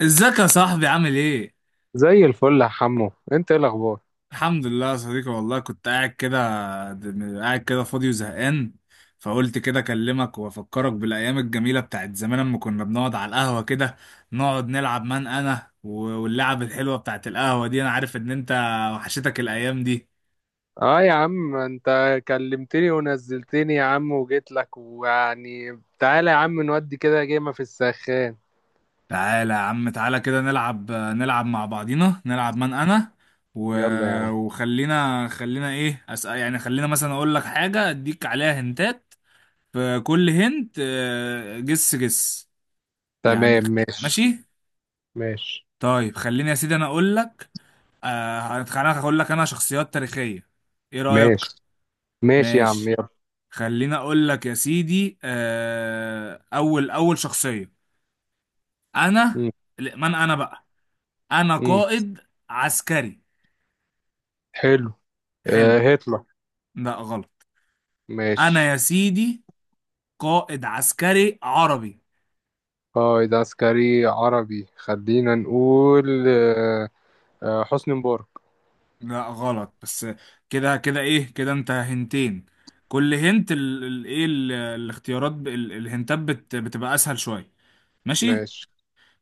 ازيك يا صاحبي؟ عامل ايه؟ زي الفل يا حمو، انت ايه الاخبار؟ الحمد لله يا صديقي. والله كنت قاعد كده، فاضي وزهقان. فقلت كده اكلمك وافكرك بالايام الجميله بتاعت زمان، لما كنا بنقعد على القهوه كده، نقعد نلعب. من انا واللعب الحلوه بتاعت القهوه دي، انا عارف ان انت وحشتك الايام دي. اه يا عم انت كلمتني ونزلتني يا عم، وجيت لك. ويعني تعالى يا عم نودي كده جيمة في السخان. تعالى يا عم، تعالى كده نلعب، مع بعضينا. نلعب من انا و... يلا يا عم. وخلينا، ايه أسأل، يعني خلينا مثلا اقول لك حاجه اديك عليها هنتات، فكل هنت جس جس. يعني تمام، خ- ماشي ماشي. ماشي طيب خليني يا سيدي انا اقول لك. انا هقول لك، انا شخصيات تاريخية، ايه رأيك؟ ماشي ماشي يا عم، ماشي. يلا. خليني اقول لك يا سيدي، اول شخصية، انا. مم. لا، من انا بقى؟ انا مم. قائد عسكري. حلو. حلو. هتلر. لا غلط. ماشي. انا يا سيدي قائد عسكري عربي. اه، ده عسكري عربي، خلينا نقول. حسني مبارك. لا غلط، بس كده كده. ايه كده انت هنتين؟ كل هنت الاختيارات، الهنتات بتبقى اسهل شوية. ماشي. ماشي.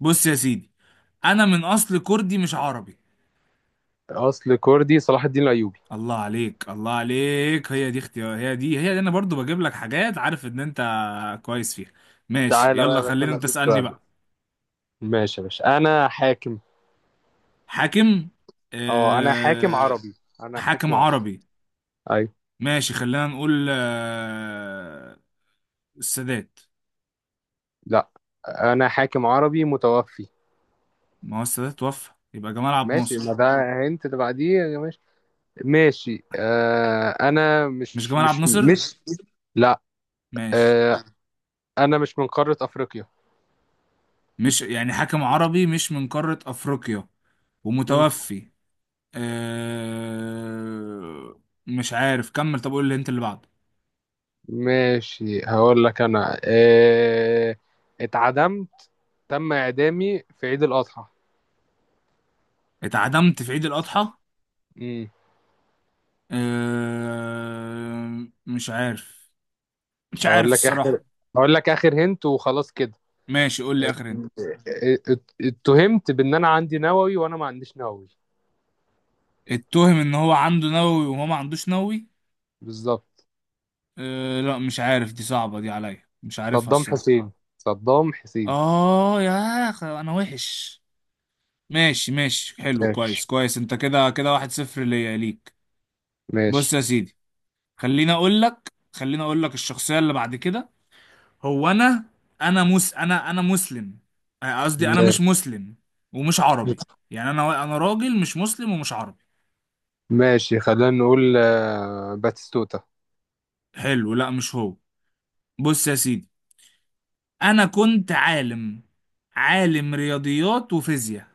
بص يا سيدي، انا من اصل كردي، مش عربي. اصل كردي، صلاح الدين الايوبي. الله عليك، الله عليك، هي دي اختيار. هي دي انا برضو بجيب لك حاجات عارف ان انت كويس فيها. ماشي، تعالى بقى يا يلا باشا، خلينا انا انت اديك تسألني سؤال. بقى. ماشي يا باشا، انا حاكم. حاكم؟ اه، انا حاكم أه عربي، انا حاكم حاكم عربي. عربي. ايوه. ماشي، خلينا نقول السادات. لا، انا حاكم عربي متوفي. ما هو السادات توفى، يبقى جمال عبد ماشي، ما الناصر. ده هنت اللي بعديه. ماشي. ماشي انا مش مش جمال عبد مش الناصر؟ مش لا. ماشي. آه انا مش من قارة افريقيا. مش يعني حاكم عربي، مش من قارة أفريقيا، مم. ومتوفي. أه... مش عارف، كمل. طب قول لي انت اللي بعده. ماشي، هقول لك. انا اتعدمت، تم اعدامي في عيد الاضحى. اتعدمت في عيد الأضحى؟ مم. مش عارف، اقول لك اخر الصراحة. اقول لك اخر هنت وخلاص كده. ماشي، قول لي ات- آخر انت. اتهمت بان انا عندي نووي، وانا ما عنديش نووي. اتهم ان هو عنده نووي، وهو ما عندوش نووي؟ بالظبط. لا مش عارف، دي صعبة دي عليا، مش عارفها صدام الصراحة. حسين، صدام حسين. اه يا اخي انا وحش. ماشي ماشي، حلو، كويس ماشي كويس، انت كده كده واحد صفر، ليا ليك. بص ماشي يا سيدي، خليني اقول لك، الشخصية اللي بعد كده، هو انا. انا مس انا انا مسلم. قصدي انا ماشي مش مسلم ومش عربي. يعني انا، راجل مش مسلم ومش عربي. ماشي. خلينا نقول باتيستوتا. حلو. لا مش هو. بص يا سيدي، انا كنت عالم، عالم رياضيات وفيزياء.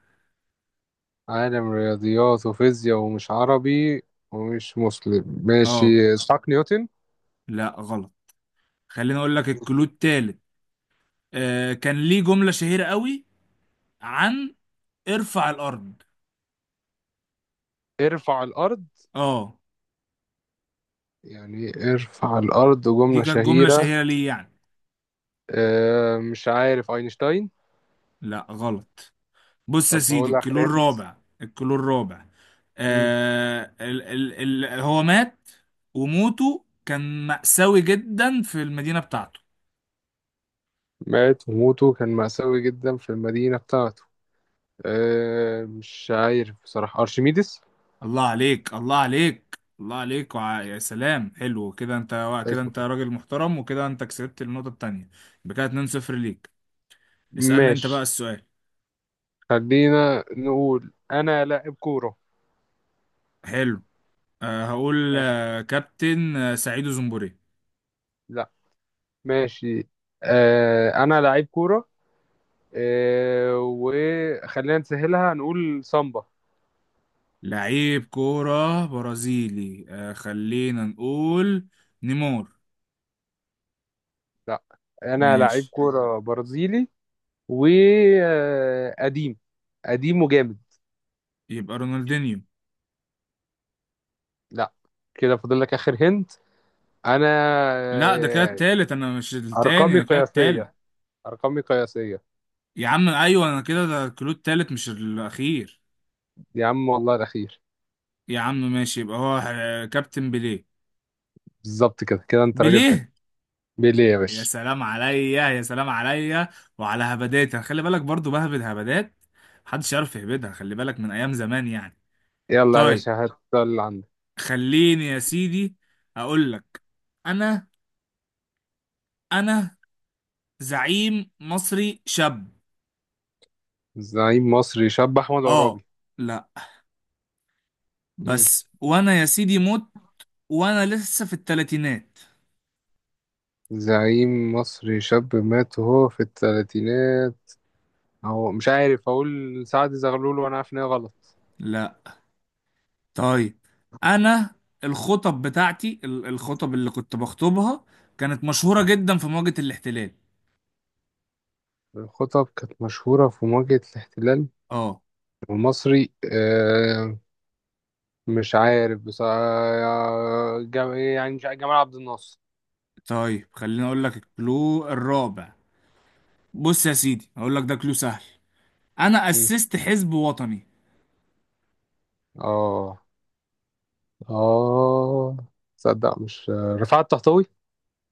عالم رياضيات وفيزياء ومش عربي ومش مسلم، اه. ماشي. إسحاق نيوتن. لا غلط. خليني اقول لك، الكلود التالت، آه كان ليه جملة شهيرة قوي عن ارفع الارض. ارفع الأرض؟ اه، يعني إيه ارفع الأرض، دي جملة كانت جمله شهيرة؟ شهيره ليه يعني. مش عارف، أينشتاين. لا غلط. بص يا طب هو سيدي، الكيلو الأخراني. الرابع، الكيلو الرابع. آه ال ال ال هو مات، وموته كان مأساوي جدا في المدينه بتاعته. مات وموته كان مأساوي جدا في المدينة بتاعته. أه، مش عارف بصراحة، أرشميدس. الله عليك، الله عليك، الله عليك، يا سلام، حلو كده، انت كده، انت راجل محترم، وكده انت كسبت النقطه التانيه. يبقى كده 2-0 ليك. اسألني انت بقى ماشي، السؤال. خلينا نقول انا لاعب كورة. حلو، هقول آه، كابتن سعيد زنبوري. لا. ماشي. انا لعيب كورة. وخلينا نسهلها، نقول سامبا. لعيب كورة برازيلي، خلينا نقول نيمار. لا، انا لعيب ماشي، كورة برازيلي وقديم، قديم وجامد. يبقى رونالدينيو. لا. كده فاضل لك اخر هنت. انا لا ده كده آه، التالت، انا مش التاني، ارقامي انا كده التالت. قياسية، ارقامي قياسية. يا عم ايوه، انا كده، ده الكلود التالت مش الاخير. يا عم والله الاخير. يا عم، ماشي، يبقى هو كابتن بيليه. بالظبط، كده كده انت راجل فاهم. بيليه. بيليه يا يا باشا. سلام عليا، يا سلام عليا، وعلى هبداتها، خلي بالك برضو بهبد هبدات محدش يعرف يهبدها، خلي بالك من ايام زمان يعني. يلا يا طيب، باشا، هات اللي عندك. خليني يا سيدي اقول لك، انا انا زعيم مصري شاب. زعيم مصري شاب، أحمد اه. عرابي. لا، مم. بس وانا يا سيدي مت وانا لسه في التلاتينات. زعيم مصري شاب مات وهو في الثلاثينات. هو مش عارف، أقول سعد زغلول وأنا عارف إن هي غلط. لا. طيب انا الخطب بتاعتي، الخطب اللي كنت بخطبها كانت مشهورة جدا في مواجهة الاحتلال. الخطب كانت مشهورة في مواجهة الاحتلال اه. المصري. مش عارف بس يعني مش عارف، جمال عبد الناصر. طيب، خليني اقول لك الكلو الرابع. بص يا سيدي هقول لك، ده كلو سهل. انا مم. اسست حزب وطني. اه اه تصدق مش رفعت الطهطاوي؟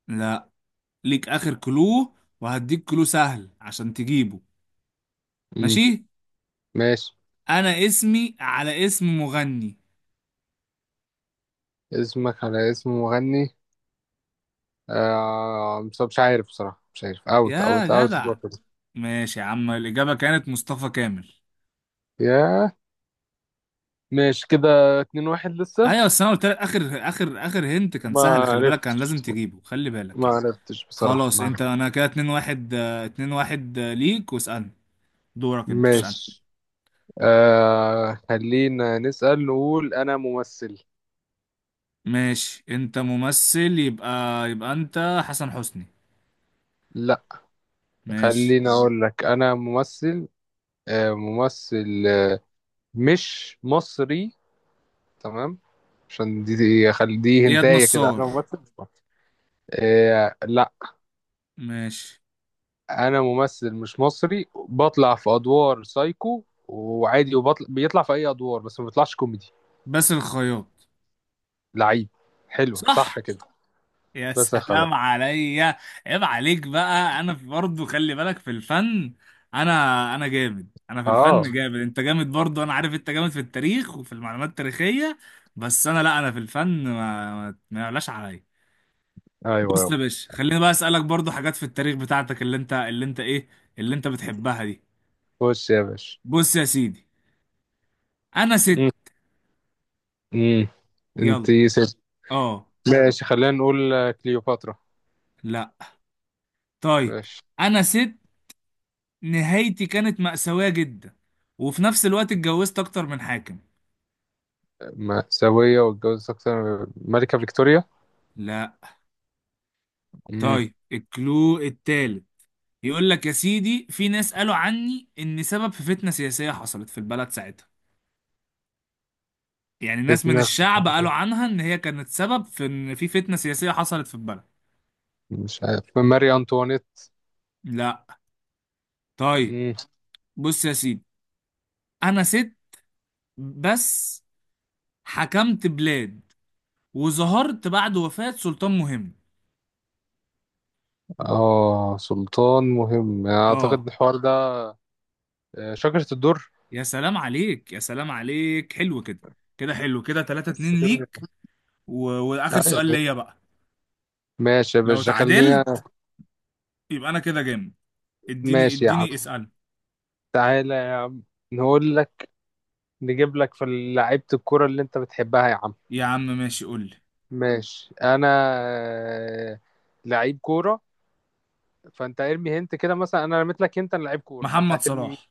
لا. ليك اخر كلو، وهديك كلو سهل عشان تجيبه. مم. ماشي. ماشي. انا اسمي على اسم مغني. اسمك على اسم مغني؟ مش عارف بصراحة، مش عارف. اوت يا اوت اوت. جدع، ماشي يا عم، الاجابه كانت مصطفى كامل. ياه. ماشي كده، اتنين واحد لسه. ايوه، بس انا قلت لك اخر اخر اخر هنت كان ما سهل، خلي بالك، كان لازم عرفتش، تجيبه، خلي بالك ما يعني. عرفتش بصراحة، خلاص ما انت، عرفتش. انا كده 2 1 2 1 ليك. واسالني، دورك انت، اسالني. ماشي. خلينا نسأل، نقول أنا ممثل. ماشي. انت ممثل يبقى، انت حسن حسني. لا. ماشي. خلينا أقول لك أنا ممثل، ممثل مش مصري. تمام. عشان دي اياد هنتايه كده، أنا نصار. ممثل مش مصري. لا. ماشي. انا ممثل مش مصري، بطلع في ادوار سايكو وعادي، بيطلع في اي ادوار بس ما بيطلعش كوميدي. باسل الخياط. لعيب. حلو، صح صح. كده. يا بس يا خلاص. سلام عليا. عيب عليك بقى، انا برضه خلي بالك في الفن. انا جامد، انا في اه. الفن جامد، انت جامد برضه، انا عارف انت جامد في التاريخ وفي المعلومات التاريخية، بس انا لا، انا في الفن، ما يعلاش عليا. ايوه بص يابا. يا باشا، خليني بقى اسالك برضه حاجات في التاريخ بتاعتك، اللي انت بتحبها دي. خش يا باشا. بص يا سيدي، انا ست. مم. مم. انت يلا. ست؟ اه. ماشي، خلينا نقول كليوباترا. لا. طيب، ماشي. انا ست، نهايتي كانت مأساوية جدا، وفي نفس الوقت اتجوزت اكتر من حاكم. مأساوية واتجوزت أكتر. ملكة فيكتوريا. لا. مم. طيب الكلو التالت، يقول لك يا سيدي، في ناس قالوا عني ان سبب في فتنة سياسية حصلت في البلد ساعتها. يعني ناس من فتنة. الشعب قالوا عنها ان هي كانت سبب في ان في فتنة سياسية حصلت في البلد. مش عارف، ماري أنطوانيت. لا. طيب، مم. بص يا سيدي، انا ست بس حكمت بلاد، وظهرت بعد وفاة سلطان مهم. اه، سلطان مهم أعتقد، اه. الحوار ده. شجرة الدر. يا سلام عليك، يا سلام عليك، حلو كده، كده حلو كده 3 بس 2 كده. ليك. واخر سؤال أيوة. ليا بقى، ماشي يا لو باشا خلينا. تعادلت يبقى انا كده جامد. ماشي يا عم، اديني اسأل. تعالى يا عم، نقول لك، نجيب لك في لعيبة الكورة اللي انت بتحبها يا عم. يا عم ماشي، قول لي. ماشي، انا آه، لعيب كورة. فانت ارمي هنت كده، مثلا انا رميت لك هنت أنا لعيب كورة، فانت محمد هترمي مين؟ صلاح.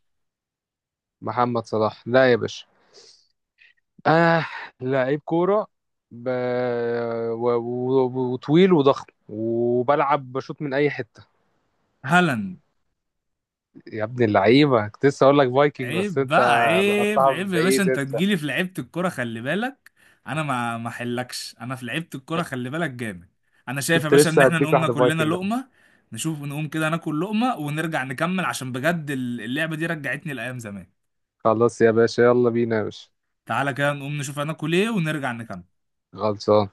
محمد صلاح؟ لا يا باشا. آه لعيب كورة، ب... وطويل وضخم وبلعب بشوط من اي حتة. هالاند. يا ابن اللعيبة، كنت لسه اقول لك فايكنج بس عيب انت بقى، عيب لقطتها من عيب يا باشا، بعيد. انت انت تجيلي في لعيبة الكرة، خلي بالك، انا ما حلكش انا في لعيبة الكرة، خلي بالك جامد. انا شايف يا كنت باشا ان لسه احنا هديك نقوم واحدة ناكل لنا فايكنج. لقمة، نشوف، نقوم كده ناكل لقمة ونرجع نكمل، عشان بجد اللعبة دي رجعتني لأيام زمان. خلاص يا باشا، يلا بينا يا باشا. تعالى كده نقوم نشوف هناكل ايه، ونرجع نكمل. خلصان.